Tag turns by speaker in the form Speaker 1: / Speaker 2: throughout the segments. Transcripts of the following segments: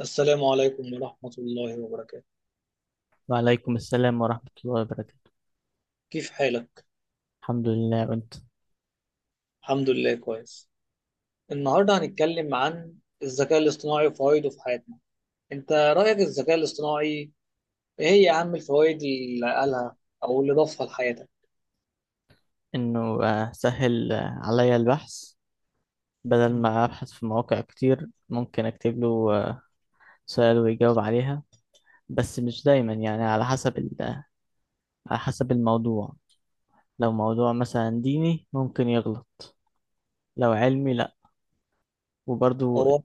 Speaker 1: السلام عليكم ورحمة الله وبركاته.
Speaker 2: وعليكم السلام ورحمة الله وبركاته.
Speaker 1: كيف حالك؟
Speaker 2: الحمد لله، وانت؟
Speaker 1: الحمد لله كويس. النهاردة هنتكلم عن الذكاء الاصطناعي وفوائده في حياتنا. انت رأيك الذكاء الاصطناعي، ايه هي اهم الفوائد اللي قالها او اللي ضافها لحياتك؟
Speaker 2: انه سهل عليا البحث. بدل
Speaker 1: مم.
Speaker 2: ما ابحث في مواقع كتير، ممكن اكتب له سؤال ويجاوب عليها. بس مش دايما، يعني على حسب على حسب الموضوع. لو موضوع مثلا ديني ممكن يغلط، لو علمي لا. وبرضو
Speaker 1: هو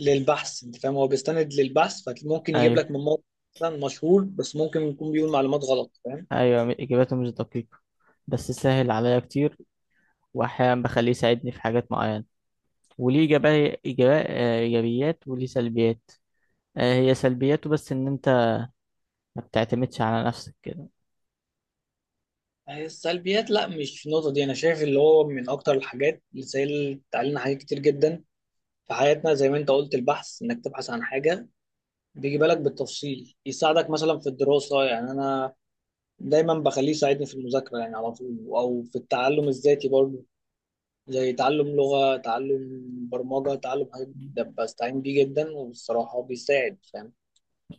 Speaker 1: للبحث، انت فاهم، هو بيستند للبحث فممكن يجيب
Speaker 2: ايوه.
Speaker 1: لك من موقع مثلا مشهور، بس ممكن يكون بيقول معلومات غلط، فاهم؟
Speaker 2: ايوه، اجاباته مش دقيقة، بس سهل عليا كتير. واحيانا بخليه يساعدني في حاجات معينة، وليه إيجابيات وليه سلبيات. هي سلبياته بس ان انت ما بتعتمدش على نفسك كده.
Speaker 1: هي السلبيات، لا مش في النقطة دي، أنا شايف اللي هو من أكتر الحاجات اللي سهلت علينا حاجات كتير جدا في حياتنا. زي ما انت قلت البحث، انك تبحث عن حاجه بيجي بالك بالتفصيل، يساعدك مثلا في الدراسه، يعني انا دايما بخليه يساعدني في المذاكره يعني على طول، او في التعلم الذاتي برضه، زي تعلم لغه، تعلم برمجه، تعلم حاجات جديدة، بستعين بيه جدا وبصراحه بيساعد، فاهم.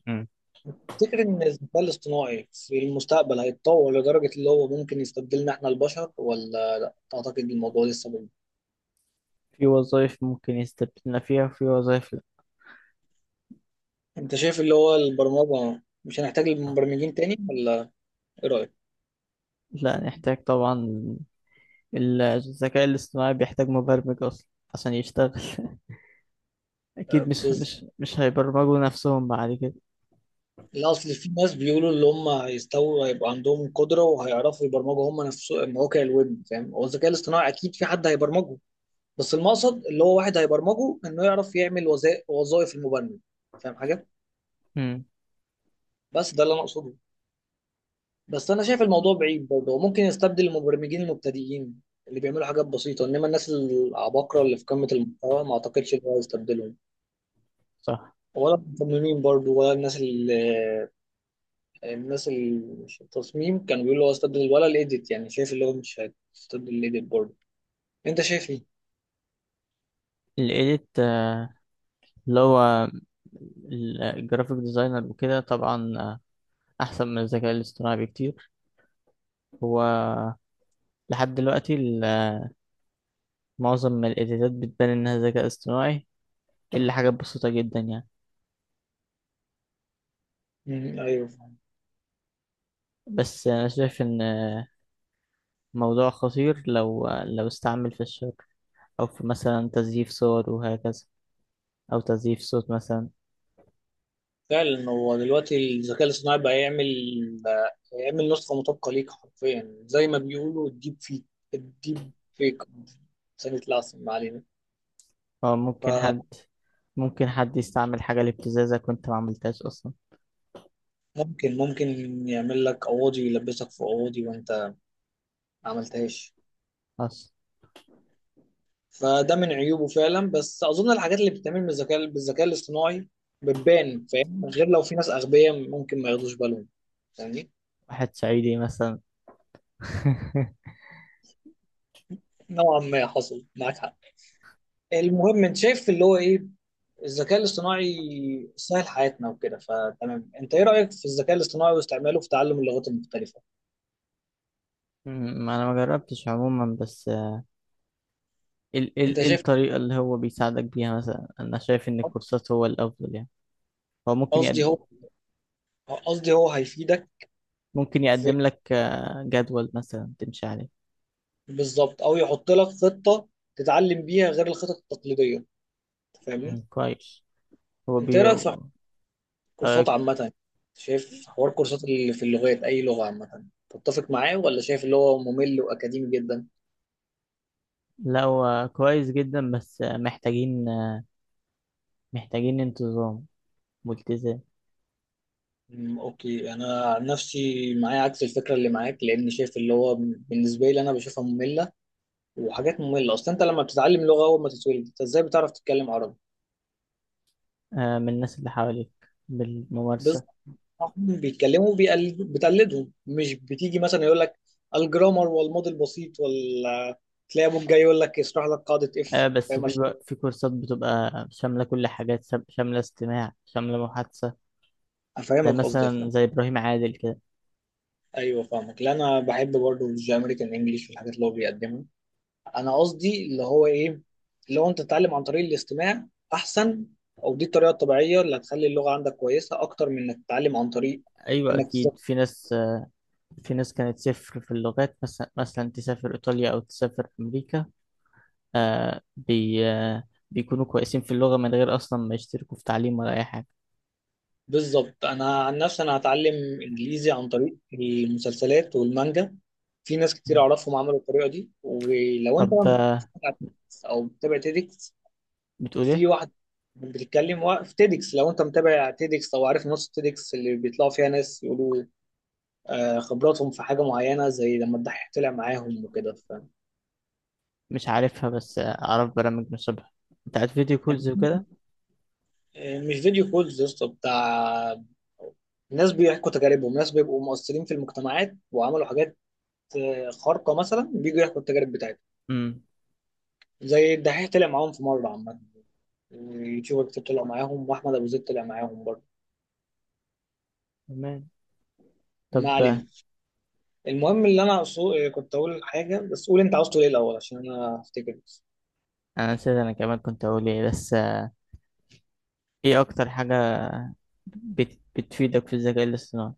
Speaker 2: مم.
Speaker 1: افتكر ان الذكاء الاصطناعي في المستقبل هيتطور لدرجه اللي هو ممكن يستبدلنا احنا البشر، ولا تعتقد الموضوع لسه بعيد؟
Speaker 2: في وظائف ممكن يستبدلنا فيها وفي وظائف لا.
Speaker 1: انت شايف اللي هو البرمجه مش هنحتاج المبرمجين تاني، ولا ايه
Speaker 2: لا، نحتاج طبعا. الذكاء الاصطناعي بيحتاج مبرمج اصلا عشان يشتغل. اكيد مش
Speaker 1: رايك؟
Speaker 2: مش مش هيبرمجوا نفسهم بعد كده.
Speaker 1: لا، اصل في ناس بيقولوا اللي هم هيستووا هيبقى عندهم قدره وهيعرفوا يبرمجوا هم نفسهم مواقع الويب، فاهم. هو الذكاء الاصطناعي اكيد في حد هيبرمجه، بس المقصد اللي هو واحد هيبرمجه انه يعرف يعمل وظائف المبرمج، فاهم حاجه؟
Speaker 2: مم.
Speaker 1: بس ده اللي انا اقصده. بس انا شايف الموضوع بعيد برضه، هو ممكن يستبدل المبرمجين المبتدئين اللي بيعملوا حاجات بسيطه، انما الناس العباقره اللي في قمه المحتوى ما اعتقدش ان هو يستبدلهم.
Speaker 2: صح.
Speaker 1: ولا المصممين برضه، ولا الناس اللي في التصميم كانوا بيقولوا هو استبدل ولا الايديت، يعني شايف اللي هو مش هيستبدل الايديت برضه. انت شايف ايه؟
Speaker 2: الايديت، اللي هو الجرافيك ديزاينر وكده، طبعا احسن من الذكاء الاصطناعي بكتير. هو لحد دلوقتي، معظم من الايديتات بتبان انها ذكاء اصطناعي، الا حاجات بسيطة جدا يعني.
Speaker 1: مم، ايوه فاهم.
Speaker 2: بس أنا شايف إن موضوع خطير لو استعمل في الشر، أو في مثلا تزييف صور وهكذا، أو تزييف صوت مثلا.
Speaker 1: فعلا هو دلوقتي الذكاء الاصطناعي بقى يعمل نسخة مطابقة ليك حرفيا زي ما بيقولوا الديب فيك. سنة العسل، ما علينا.
Speaker 2: أو ممكن حد يستعمل حاجة لابتزازك وأنت ما عملتهاش أصلا.
Speaker 1: فممكن يعمل لك قواضي، يلبسك في قواضي وانت ما عملتهاش.
Speaker 2: أصلا.
Speaker 1: فده من عيوبه فعلا، بس اظن الحاجات اللي بتتعمل بالذكاء الاصطناعي بتبان، فاهم، غير لو في ناس اغبياء ممكن ما ياخدوش بالهم يعني.
Speaker 2: واحد صعيدي مثلا.
Speaker 1: نوعا ما حصل معاك حق. المهم، انت شايف اللي هو ايه، الذكاء الاصطناعي سهل حياتنا وكده، فتمام. انت ايه رايك في الذكاء الاصطناعي واستعماله في تعلم اللغات المختلفه؟
Speaker 2: ما أنا ما جربتش عموما، بس ال
Speaker 1: انت
Speaker 2: ال إيه
Speaker 1: شايف،
Speaker 2: الطريقة اللي هو بيساعدك بيها؟ مثلا أنا شايف إن الكورسات هو الأفضل، يعني. هو ممكن
Speaker 1: قصدي
Speaker 2: يقدم
Speaker 1: هو قصدي هو هيفيدك
Speaker 2: ممكن
Speaker 1: في،
Speaker 2: يقدم لك جدول مثلا تمشي عليه.
Speaker 1: بالظبط، او يحط لك خطه تتعلم بيها غير الخطط التقليديه، فاهمني.
Speaker 2: مم، كويس. هو
Speaker 1: انت ايه
Speaker 2: بي
Speaker 1: رايك في
Speaker 2: آه،
Speaker 1: كورسات عامة، شايف حوار كورسات اللي في اللغات، أي لغة عامة، تتفق معاه ولا شايف اللي هو ممل وأكاديمي جدا؟
Speaker 2: لا، هو كويس جدا، بس محتاجين انتظام والتزام.
Speaker 1: أوكي أنا عن نفسي معايا عكس الفكرة اللي معاك، لأن شايف اللي هو بالنسبة لي أنا بشوفها مملة، وحاجات مملة أصلا. أنت لما بتتعلم لغة، أول ما تتولد أنت إزاي بتعرف تتكلم عربي؟
Speaker 2: من الناس اللي حواليك،
Speaker 1: بالظبط.
Speaker 2: بالممارسة.
Speaker 1: هم بيتكلموا بتقلدهم، مش بتيجي مثلا يقول لك الجرامر والماضي البسيط، ولا تلاقي أبوك جاي يقول لك اشرح لك قاعدة إف،
Speaker 2: بس
Speaker 1: فاهم،
Speaker 2: في بقى- في كورسات بتبقى شاملة، كل حاجات شاملة استماع، شاملة محادثة.
Speaker 1: أفهمك،
Speaker 2: زي
Speaker 1: قصدي
Speaker 2: مثلا،
Speaker 1: أفهمك.
Speaker 2: زي إبراهيم عادل كده.
Speaker 1: ايوه فاهمك، لا انا بحب برضه الجي امريكان انجلش والحاجات اللي هو بيقدمها. انا قصدي اللي هو ايه، اللي هو انت تتعلم عن طريق الاستماع احسن، او دي الطريقه الطبيعيه اللي هتخلي اللغه عندك كويسه اكتر من انك تتعلم عن طريق
Speaker 2: أيوة،
Speaker 1: انك تذاكر.
Speaker 2: أكيد في ناس كانت صفر في اللغات، مثلا تسافر إيطاليا أو تسافر أمريكا، آه، بي آه، بيكونوا كويسين في اللغة من غير أصلا ما يشتركوا في تعليم ولا أي حاجة.
Speaker 1: بالظبط، انا عن نفسي انا هتعلم انجليزي عن طريق المسلسلات والمانجا. في ناس كتير اعرفهم عملوا الطريقه دي. ولو انت
Speaker 2: طب
Speaker 1: بتتابع، او بتتابع تيدكس،
Speaker 2: بتقول
Speaker 1: في
Speaker 2: إيه؟
Speaker 1: واحد بتتكلم في تيدكس. لو انت متابع تيدكس او عارف نص تيدكس اللي بيطلعوا فيها ناس يقولوا خبراتهم في حاجه معينه، زي لما الدحيح طلع معاهم وكده
Speaker 2: مش عارفها، بس اعرف برامج نصيبها بتاعت فيديو
Speaker 1: يعني.
Speaker 2: كولز وكده.
Speaker 1: مش فيديو كولز يا اسطى، بتاع ناس بيحكوا تجاربهم، ناس بيبقوا مؤثرين في المجتمعات وعملوا حاجات خارقه مثلا، بيجوا يحكوا التجارب بتاعتهم.
Speaker 2: امم.
Speaker 1: زي الدحيح طلع معاهم في مره عامه، اليوتيوبر كتير طلع معاهم، واحمد ابو زيد طلع معاهم برضه.
Speaker 2: تمام.
Speaker 1: ما
Speaker 2: طب
Speaker 1: علينا. المهم اللي انا كنت اقول حاجه، بس قول انت عاوز تقول ايه الاول عشان انا افتكر بس.
Speaker 2: انا نسيت. انا كمان كنت اقول ايه، بس ايه اكتر حاجة بتفيدك في الذكاء الاصطناعي؟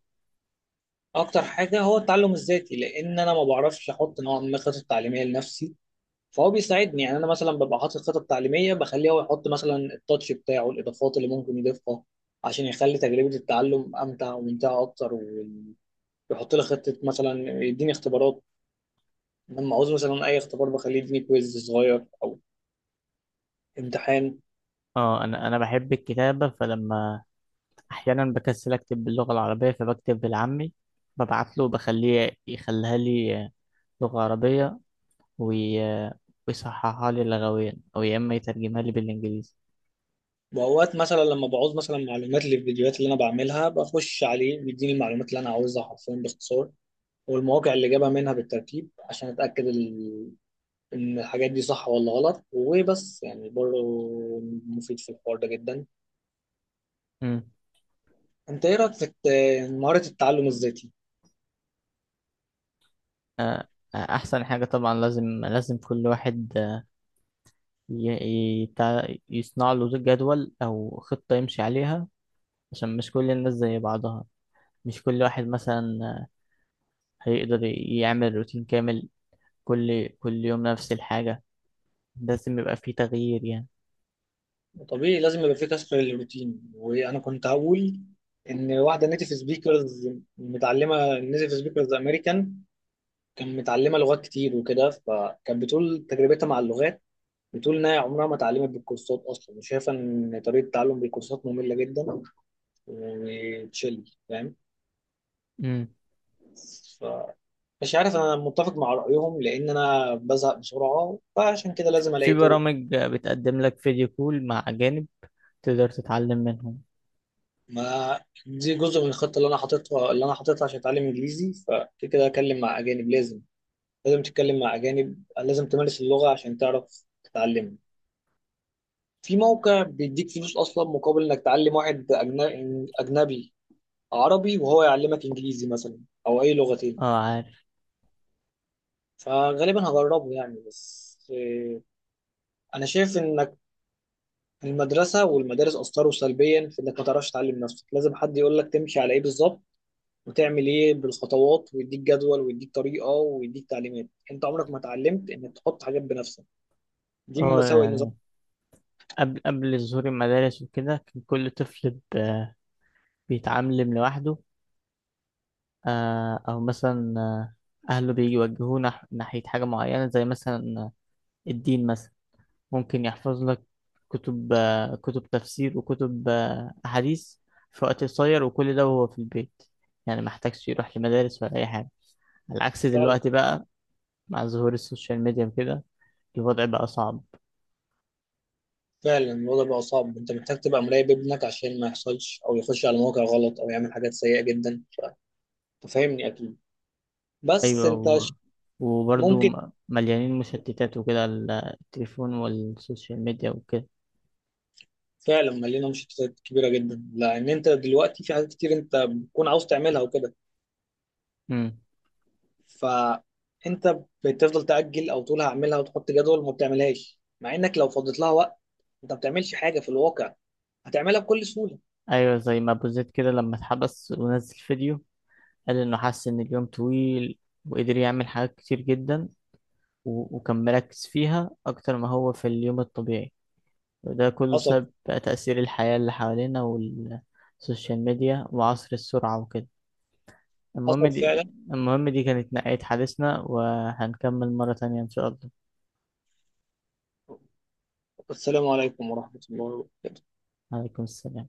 Speaker 1: اكتر حاجه هو التعلم الذاتي، لان انا ما بعرفش احط نوع من الخطط التعليميه لنفسي، فهو بيساعدني. يعني انا مثلا ببقى حاطط خطط تعليميه بخليه هو يحط مثلا التاتش بتاعه، الاضافات اللي ممكن يضيفها عشان يخلي تجربه التعلم امتع وممتعه اكتر. ويحط لي خطه مثلا، يديني اختبارات. لما عاوز مثلا اي اختبار بخليه يديني كويز صغير او امتحان.
Speaker 2: اه، انا بحب الكتابة، فلما احيانا بكسل اكتب باللغة العربية فبكتب بالعامي، ببعت له بخليه يخليها لي لغة عربية، وي... آه، ويصححها لي لغويا، او يا اما يترجمها لي بالانجليزي.
Speaker 1: واوقات مثلا لما بعوز مثلا معلومات للفيديوهات اللي انا بعملها، بخش عليه، بيديني المعلومات اللي انا عاوزها حرفيا باختصار، والمواقع اللي جابها منها بالترتيب عشان اتاكد ان الحاجات دي صح ولا غلط. وبس يعني برضه مفيد في الحوار ده جدا.
Speaker 2: امم.
Speaker 1: انت ايه رايك في مهاره التعلم الذاتي؟
Speaker 2: آه، احسن حاجة طبعا. لازم، لازم كل واحد يصنع له جدول أو خطة يمشي عليها، عشان مش كل الناس زي بعضها. مش كل واحد مثلا هيقدر يعمل روتين كامل كل كل يوم نفس الحاجة. لازم يبقى فيه تغيير، يعني.
Speaker 1: طبيعي لازم يبقى في كسر للروتين. وانا كنت هقول ان واحده نيتيف سبيكرز متعلمه، نيتيف سبيكرز امريكان، كان متعلمه لغات كتير وكده، فكانت بتقول تجربتها مع اللغات. بتقول انها عمرها ما اتعلمت بالكورسات اصلا، وشايفه ان طريقه التعلم بالكورسات ممله جدا وتشيل، فاهم.
Speaker 2: مم.
Speaker 1: ف مش عارف انا متفق مع رايهم، لان انا بزهق بسرعه فعشان كده لازم الاقي
Speaker 2: في
Speaker 1: طرق.
Speaker 2: برامج بتقدم لك فيديو كول مع أجانب، تقدر تتعلم منهم.
Speaker 1: ما دي جزء من الخطه اللي انا حاططها عشان اتعلم انجليزي. فكده كده اكلم مع اجانب، لازم، لازم تتكلم مع اجانب، لازم تمارس اللغه عشان تعرف تتعلم. في موقع بيديك فلوس اصلا مقابل انك تعلم واحد اجنبي عربي وهو يعلمك انجليزي مثلا، او اي
Speaker 2: اه،
Speaker 1: لغتين.
Speaker 2: عارف.
Speaker 1: فغالبا هجربه يعني بس، انا شايف انك المدرسه والمدارس اثروا سلبيا في انك ما تعرفش تعلم نفسك، لازم حد يقول لك تمشي على ايه بالظبط، وتعمل ايه بالخطوات، ويديك جدول ويديك طريقه ويديك تعليمات. انت عمرك ما اتعلمت انك تحط حاجات بنفسك، دي من
Speaker 2: اه،
Speaker 1: مساوئ النظام
Speaker 2: يعني قبل ظهور المدارس وكده، كان كل طفل بيتعلم لوحده. أو مثلا أهله بيوجهوه ناحية حاجة معينة، زي مثلا الدين مثلا. ممكن يحفظ لك كتب، كتب تفسير وكتب أحاديث، في وقت قصير، وكل ده وهو في البيت. يعني محتاجش يروح لمدارس ولا أي حاجة، على عكس
Speaker 1: فعلا.
Speaker 2: دلوقتي بقى. مع ظهور السوشيال ميديا وكده، الوضع بقى صعب.
Speaker 1: فعلا الوضع بقى صعب، انت محتاج تبقى مراقب ابنك عشان ما يحصلش او يخش على مواقع غلط او يعمل حاجات سيئه جدا، فاهمني اكيد. بس
Speaker 2: أيوة
Speaker 1: انت
Speaker 2: وبرضه
Speaker 1: ممكن.
Speaker 2: مليانين مشتتات وكده، التليفون والسوشيال ميديا وكده.
Speaker 1: فعلا مليانه مشتتات كبيره جدا، لان انت دلوقتي في حاجات كتير انت بتكون عاوز تعملها وكده.
Speaker 2: مم.
Speaker 1: فانت بتفضل تاجل او تقول هعملها وتحط جدول وما بتعملهاش، مع انك لو فضيت لها وقت انت ما بتعملش حاجه في الواقع، هتعملها بكل سهوله.
Speaker 2: ايوه، زي ما ابو زيد كده لما اتحبس ونزل فيديو، قال انه حس ان اليوم طويل، وقدر يعمل حاجات كتير جدا، وكان مركز فيها اكتر ما هو في اليوم الطبيعي. وده كله
Speaker 1: حصل
Speaker 2: بسبب بقى تأثير الحياة اللي حوالينا، والسوشيال ميديا وعصر السرعة وكده. المهم
Speaker 1: حصل
Speaker 2: دي
Speaker 1: فعلا.
Speaker 2: المهم دي كانت نهاية حديثنا، وهنكمل مرة تانية إن شاء الله.
Speaker 1: السلام عليكم ورحمه الله وبركاته.
Speaker 2: عليكم السلام.